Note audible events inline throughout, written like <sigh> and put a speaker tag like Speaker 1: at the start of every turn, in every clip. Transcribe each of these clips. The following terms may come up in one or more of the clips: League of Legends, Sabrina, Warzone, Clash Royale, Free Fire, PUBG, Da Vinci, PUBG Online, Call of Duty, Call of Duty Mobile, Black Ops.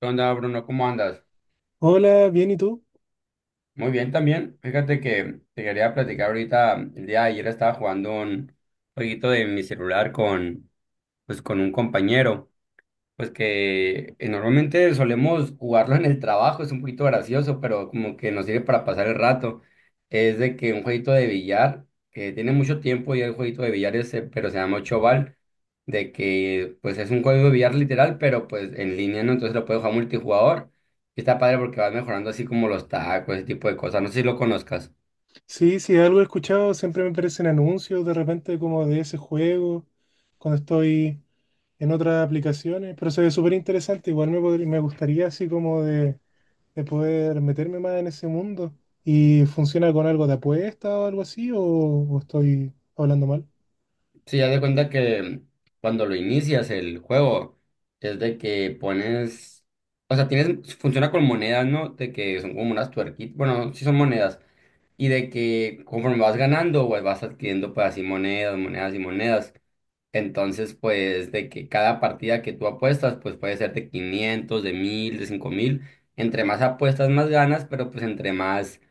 Speaker 1: ¿Qué onda, Bruno? ¿Cómo andas?
Speaker 2: Hola, bien, ¿y tú?
Speaker 1: Muy bien también. Fíjate que te quería platicar ahorita. El día de ayer estaba jugando un jueguito de mi celular pues, con un compañero. Pues que normalmente solemos jugarlo en el trabajo, es un poquito gracioso, pero como que nos sirve para pasar el rato. Es de que un jueguito de billar, que tiene mucho tiempo y el jueguito de billar ese, pero se llama ocho bal, de que pues es un juego de billar literal, pero pues en línea, ¿no? Entonces lo puedes jugar multijugador. Y está padre porque vas mejorando así como los tacos, ese tipo de cosas. No sé si lo conozcas.
Speaker 2: Sí, sí, algo he escuchado, siempre me aparecen anuncios de repente como de ese juego, cuando estoy en otras aplicaciones, pero se ve súper interesante, igual me, podría- me gustaría así como de poder meterme más en ese mundo. ¿Y funciona con algo de apuesta o algo así? ¿O, estoy hablando mal?
Speaker 1: Sí, haz de cuenta que cuando lo inicias el juego, es de que pones, o sea, tienes, funciona con monedas, ¿no? De que son como unas tuerquitas, bueno, sí son monedas, y de que conforme vas ganando, pues vas adquiriendo pues así monedas, monedas y monedas. Entonces, pues de que cada partida que tú apuestas, pues puede ser de 500, de 1000, de 5000. Entre más apuestas, más ganas, pero pues entre más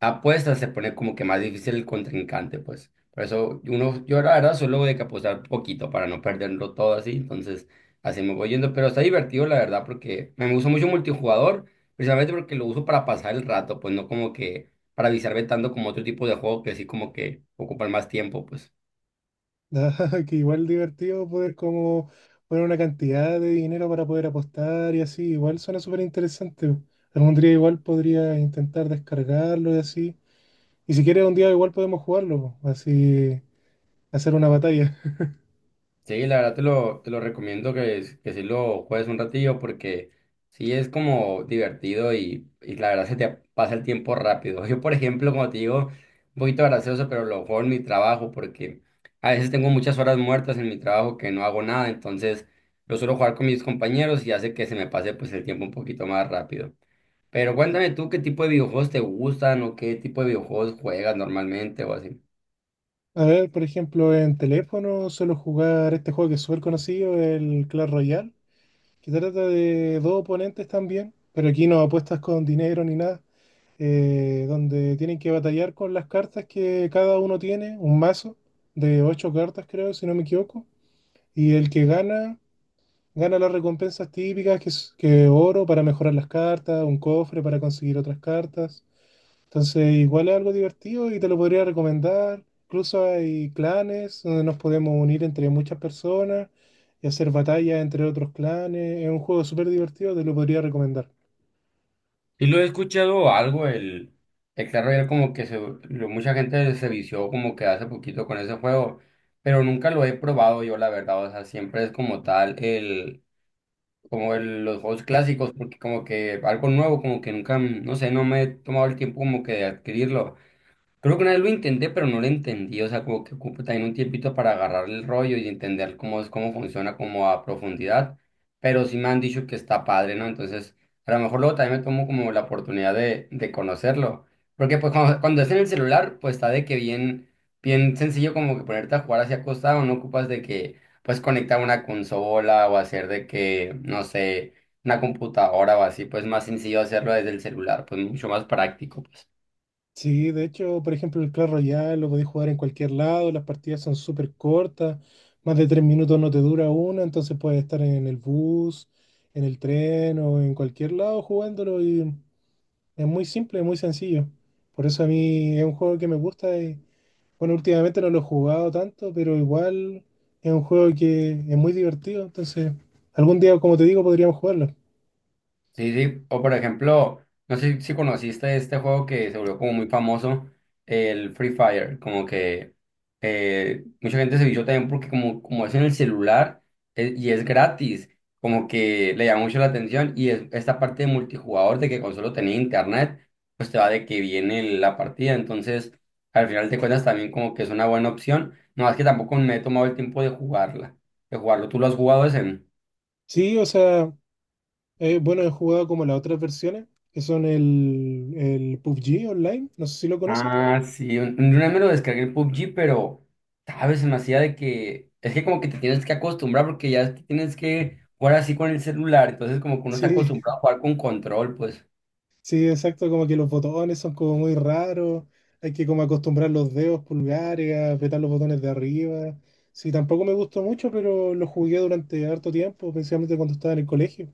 Speaker 1: apuestas se pone como que más difícil el contrincante, pues. Por eso uno, yo la verdad solo de que apostar poquito para no perderlo todo así, entonces así me voy yendo, pero está divertido la verdad porque me gusta mucho multijugador, precisamente porque lo uso para pasar el rato, pues no como que para avisarme tanto como otro tipo de juego que sí como que ocupan más tiempo, pues.
Speaker 2: <laughs> Nada, que igual divertido poder como poner una cantidad de dinero para poder apostar y así, igual suena súper interesante. Algún día igual podría intentar descargarlo y así. Y si quieres un día igual podemos jugarlo, po, así hacer una batalla.
Speaker 1: Sí, la verdad te lo recomiendo que sí lo juegues un ratillo porque sí es como divertido y la verdad se te pasa el tiempo rápido. <laughs> Yo, por ejemplo, como te digo, un poquito gracioso, pero lo juego en mi trabajo porque a veces tengo muchas horas muertas en mi trabajo que no hago nada, entonces lo suelo jugar con mis compañeros y hace que se me pase pues el tiempo un poquito más rápido. Pero cuéntame tú qué tipo de videojuegos te gustan o qué tipo de videojuegos juegas normalmente o así.
Speaker 2: <laughs> A ver, por ejemplo, en teléfono suelo jugar este juego que es súper conocido, el Clash Royale, que trata de dos oponentes también, pero aquí no apuestas con dinero ni nada, donde tienen que batallar con las cartas que cada uno tiene, un mazo de ocho cartas creo, si no me equivoco, y el que gana las recompensas típicas, que es que oro para mejorar las cartas, un cofre para conseguir otras cartas. Entonces, igual es algo divertido y te lo podría recomendar. Incluso hay clanes donde nos podemos unir entre muchas personas y hacer batallas entre otros clanes. Es un juego súper divertido, te lo podría recomendar.
Speaker 1: Y lo he escuchado algo, el Clash Royale como que se, lo- mucha gente se vició como que hace poquito con ese juego, pero nunca lo he probado yo, la verdad, o sea, siempre es como tal el, como el- los juegos clásicos, porque como que algo nuevo, como que nunca, no sé, no me he tomado el tiempo como que de adquirirlo. Creo que una vez lo intenté, pero no lo entendí. O sea, como que ocupa también un tiempito para agarrar el rollo y entender cómo es, cómo funciona, como a profundidad. Pero sí me han dicho que está padre, ¿no? Entonces, a lo mejor luego también me tomo como la oportunidad de conocerlo. Porque pues cuando es en el celular, pues está de que bien, bien sencillo como que ponerte a jugar hacia acostado, no ocupas de que pues conectar una consola o hacer de que, no sé, una computadora o así, pues más sencillo hacerlo desde el celular, pues mucho más práctico.
Speaker 2: Sí, de hecho, por ejemplo, el Clash Royale lo podéis jugar en cualquier lado, las partidas son súper cortas, más de tres minutos no te dura una, entonces puedes estar en el bus, en el tren o en cualquier lado jugándolo y es muy simple, muy sencillo. Por eso a mí es un juego que me gusta y, bueno, últimamente no lo he jugado tanto, pero igual es un juego que es muy divertido, entonces algún día, como te digo, podríamos jugarlo.
Speaker 1: Sí, sí, o por ejemplo, no sé si conociste este juego que se volvió como muy famoso, el Free Fire, como que mucha gente se vio también porque como, como es en el celular y es gratis, como que le llama mucho la atención y es, esta parte de multijugador de que con solo tener internet, pues te va de que viene la partida, entonces al final te cuentas también como que es una buena opción, no más que tampoco me he tomado el tiempo de jugarla, de jugarlo, ¿tú lo has jugado ese?
Speaker 2: Sí, o sea, bueno, he jugado como las otras versiones, que son el PUBG Online, no sé si lo conoces.
Speaker 1: Ah, sí, una vez me lo descargué el PUBG, pero, ¿sabes? Se me hacía de que, es que como que te tienes que acostumbrar porque ya es que tienes que jugar así con el celular, entonces como que uno está
Speaker 2: Sí,
Speaker 1: acostumbrado a jugar con control, pues.
Speaker 2: <laughs> sí, exacto, como que los botones son como muy raros, hay que como acostumbrar los dedos pulgares, a apretar los botones de arriba. Sí, tampoco me gustó mucho, pero lo jugué durante harto tiempo, principalmente cuando estaba en el colegio.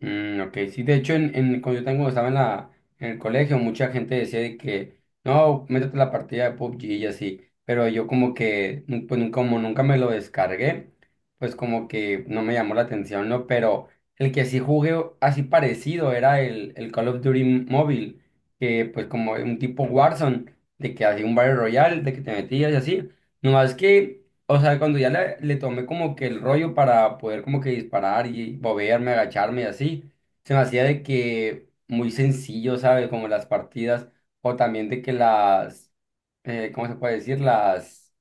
Speaker 1: Mm, ok, sí, de hecho, cuando yo tengo, estaba en la, en el colegio, mucha gente decía de que, no, métete a la partida de PUBG y así, pero yo como que, nu- pues nu- como nunca me lo descargué, pues como que no me llamó la atención, ¿no? Pero el que sí jugué así parecido era el, Call of Duty móvil, que pues como un tipo Warzone, de que hacía un Battle Royale, de que te metías y así, nomás que... O sea, cuando ya le tomé como que el rollo para poder como que disparar y moverme, agacharme y así, se me hacía de que muy sencillo, ¿sabes? Como las partidas o también de que las, ¿cómo se puede decir? Las,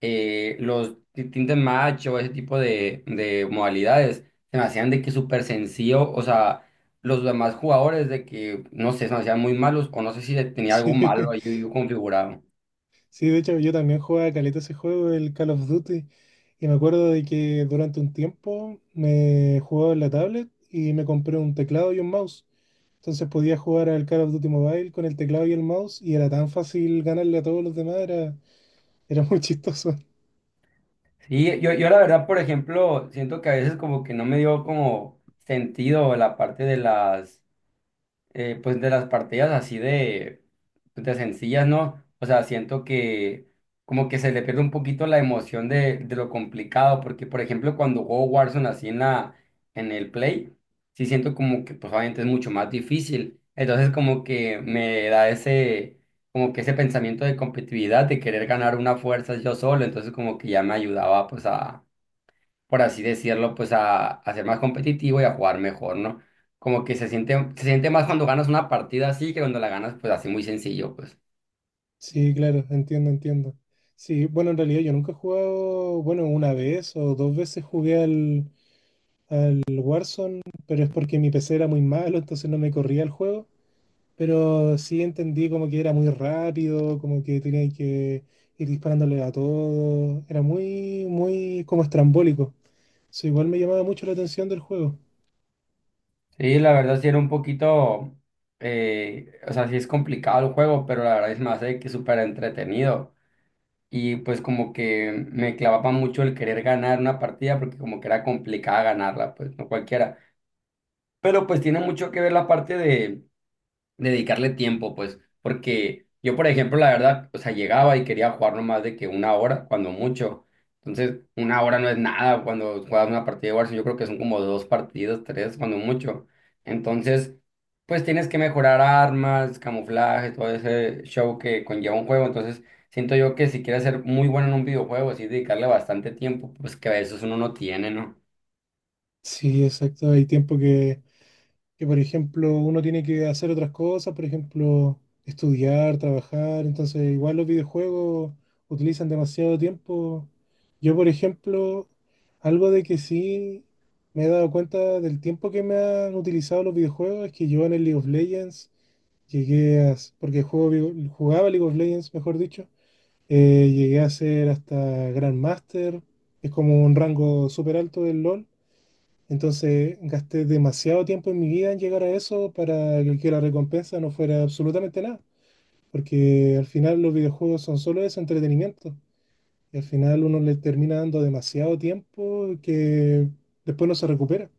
Speaker 1: los tintes match o ese tipo de modalidades, se me hacían de que súper sencillo, o sea, los demás jugadores de que, no sé, se me hacían muy malos o no sé si
Speaker 2: <laughs>
Speaker 1: tenía algo malo
Speaker 2: Sí.
Speaker 1: ahí yo, yo configurado.
Speaker 2: Sí, de hecho yo también jugaba caleta ese juego, el Call of Duty, y me acuerdo de que durante un tiempo me jugaba en la tablet y me compré un teclado y un mouse. Entonces podía jugar al Call of Duty Mobile con el teclado y el mouse y era tan fácil ganarle a todos los demás, era, era muy <laughs> chistoso.
Speaker 1: Sí, yo la verdad, por ejemplo, siento que a veces como que no me dio como sentido la parte de las pues de las partidas así de, pues, de sencillas, ¿no? O sea, siento que como que se le pierde un poquito la emoción de lo complicado, porque por ejemplo cuando juego Warzone así en la, en el Play, sí siento como que pues obviamente es mucho más difícil. Entonces como que me da ese, como que ese pensamiento de competitividad, de querer ganar una fuerza yo solo, entonces como que ya me ayudaba pues a por así decirlo, pues a ser más competitivo y a jugar mejor, ¿no? Como que se siente más cuando ganas una partida así que cuando la ganas, pues así muy sencillo, pues.
Speaker 2: Sí, claro, entiendo, entiendo. Sí, bueno, en realidad yo nunca he jugado, bueno, una vez o dos veces jugué al Warzone, pero es porque mi PC era muy malo, entonces no me corría el juego. Pero sí entendí como que era muy rápido, como que tenía que ir disparándole a todo. Era muy, muy como estrambólico. Eso igual me llamaba mucho la atención del juego.
Speaker 1: Sí, la verdad sí era un poquito, o sea, sí es complicado el juego, pero la verdad es más de que súper entretenido. Y pues como que me clavaba mucho el querer ganar una partida porque como que era complicada ganarla, pues no cualquiera. Pero pues tiene mucho que ver la parte de dedicarle tiempo, pues, porque yo, por ejemplo, la verdad, o sea, llegaba y quería jugar no más de que una hora, cuando mucho. Entonces, una hora no es nada cuando juegas una partida de Warzone, yo creo que son como dos partidos, tres, cuando mucho. Entonces, pues tienes que mejorar armas, camuflaje, todo ese show que conlleva un juego. Entonces, siento yo que si quieres ser muy bueno en un videojuego, sí dedicarle bastante tiempo, pues que a veces uno no tiene, ¿no?
Speaker 2: Sí, exacto. Hay tiempo que por ejemplo uno tiene que hacer otras cosas, por ejemplo, estudiar, trabajar, entonces igual los videojuegos utilizan demasiado tiempo. Yo, por ejemplo, algo de que sí me he dado cuenta del tiempo que me han utilizado los videojuegos es que yo en el League of Legends llegué a, porque juego, jugaba League of Legends, mejor dicho, llegué a ser hasta Grandmaster, que es como un rango súper alto del LoL. Entonces gasté demasiado tiempo en mi vida en llegar a eso para que la recompensa no fuera absolutamente nada, porque al final los videojuegos son solo eso, entretenimiento. Y al final uno le termina dando demasiado tiempo que después no se recupera.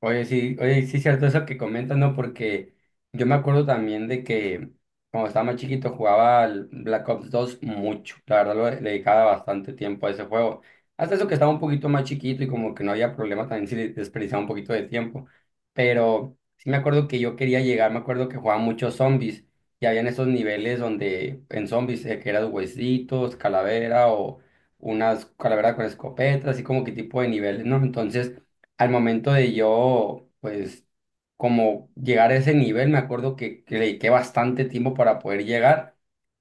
Speaker 1: Oye, sí es cierto eso que comentas, ¿no? Porque yo me acuerdo también de que cuando estaba más chiquito jugaba al Black Ops 2 mucho. La verdad le dedicaba bastante tiempo a ese juego. Hasta eso que estaba un poquito más chiquito y como que no había problema también si desperdiciaba un poquito de tiempo. Pero sí me acuerdo que yo quería llegar, me acuerdo que jugaba muchos zombies y habían esos niveles donde en zombies que eran huesitos, calavera o unas calaveras con escopetas, así como que tipo de niveles, ¿no? Entonces al momento de yo, pues, como llegar a ese nivel, me acuerdo que le dediqué bastante tiempo para poder llegar.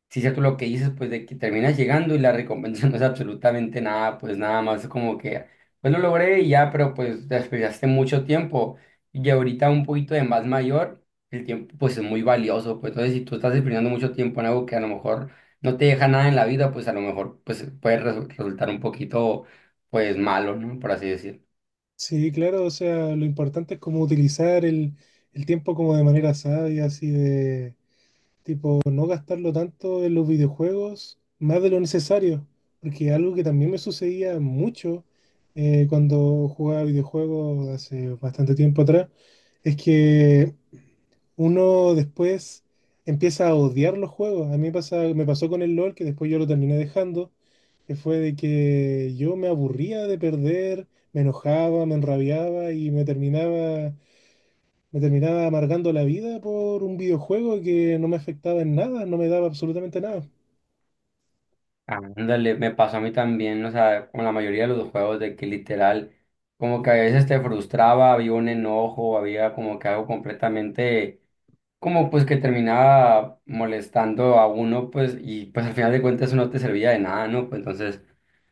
Speaker 1: Si es cierto lo que dices, pues, de que terminas llegando y la recompensa <laughs> no es absolutamente nada, pues, nada más como que, pues, lo logré y ya, pero, pues, desperdiciaste mucho tiempo. Y ahorita un poquito de más mayor, el tiempo, pues, es muy valioso, pues, entonces, si tú estás desperdiciando mucho tiempo en algo que a lo mejor no te deja nada en la vida, pues, a lo mejor, pues, puede resultar un poquito, pues, malo, ¿no? Por así decirlo.
Speaker 2: Sí, claro, o sea, lo importante es como utilizar el tiempo como de manera sabia, así de tipo, no gastarlo tanto en los videojuegos, más de lo necesario, porque algo que también me sucedía mucho cuando jugaba videojuegos hace bastante tiempo atrás, es que uno después empieza a odiar los juegos. A mí me pasa, me pasó con el LOL, que después yo lo terminé dejando, que fue de que yo me aburría de perder, me enojaba, me enrabiaba y me terminaba amargando la vida por un videojuego que no me afectaba en nada, no me daba absolutamente nada.
Speaker 1: Ándale, me pasó a mí también, o sea, con la mayoría de los juegos de que literal, como que a veces te frustraba, había un enojo, había como que algo completamente, como pues que terminaba molestando a uno, pues, y pues al final de cuentas eso no te servía de nada, ¿no? Pues entonces,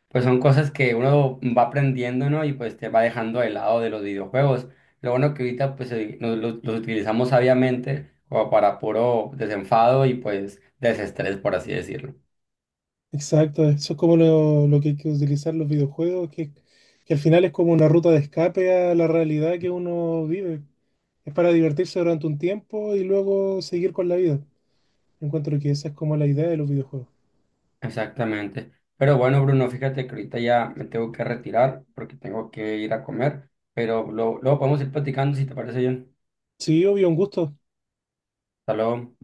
Speaker 1: pues son cosas que uno va aprendiendo, ¿no? Y pues te va dejando de lado de los videojuegos. Lo bueno que ahorita pues los utilizamos sabiamente como para puro desenfado y pues desestrés, por así decirlo.
Speaker 2: Exacto, eso es como lo que hay que utilizar los videojuegos, que al final es como una ruta de escape a la realidad que uno vive. Es para divertirse durante un tiempo y luego seguir con la vida. Encuentro que esa es como la idea de los videojuegos.
Speaker 1: Exactamente. Pero bueno, Bruno, fíjate que ahorita ya me tengo que retirar porque tengo que ir a comer, pero luego podemos ir platicando si te parece bien.
Speaker 2: Sí, obvio, un gusto.
Speaker 1: Hasta luego.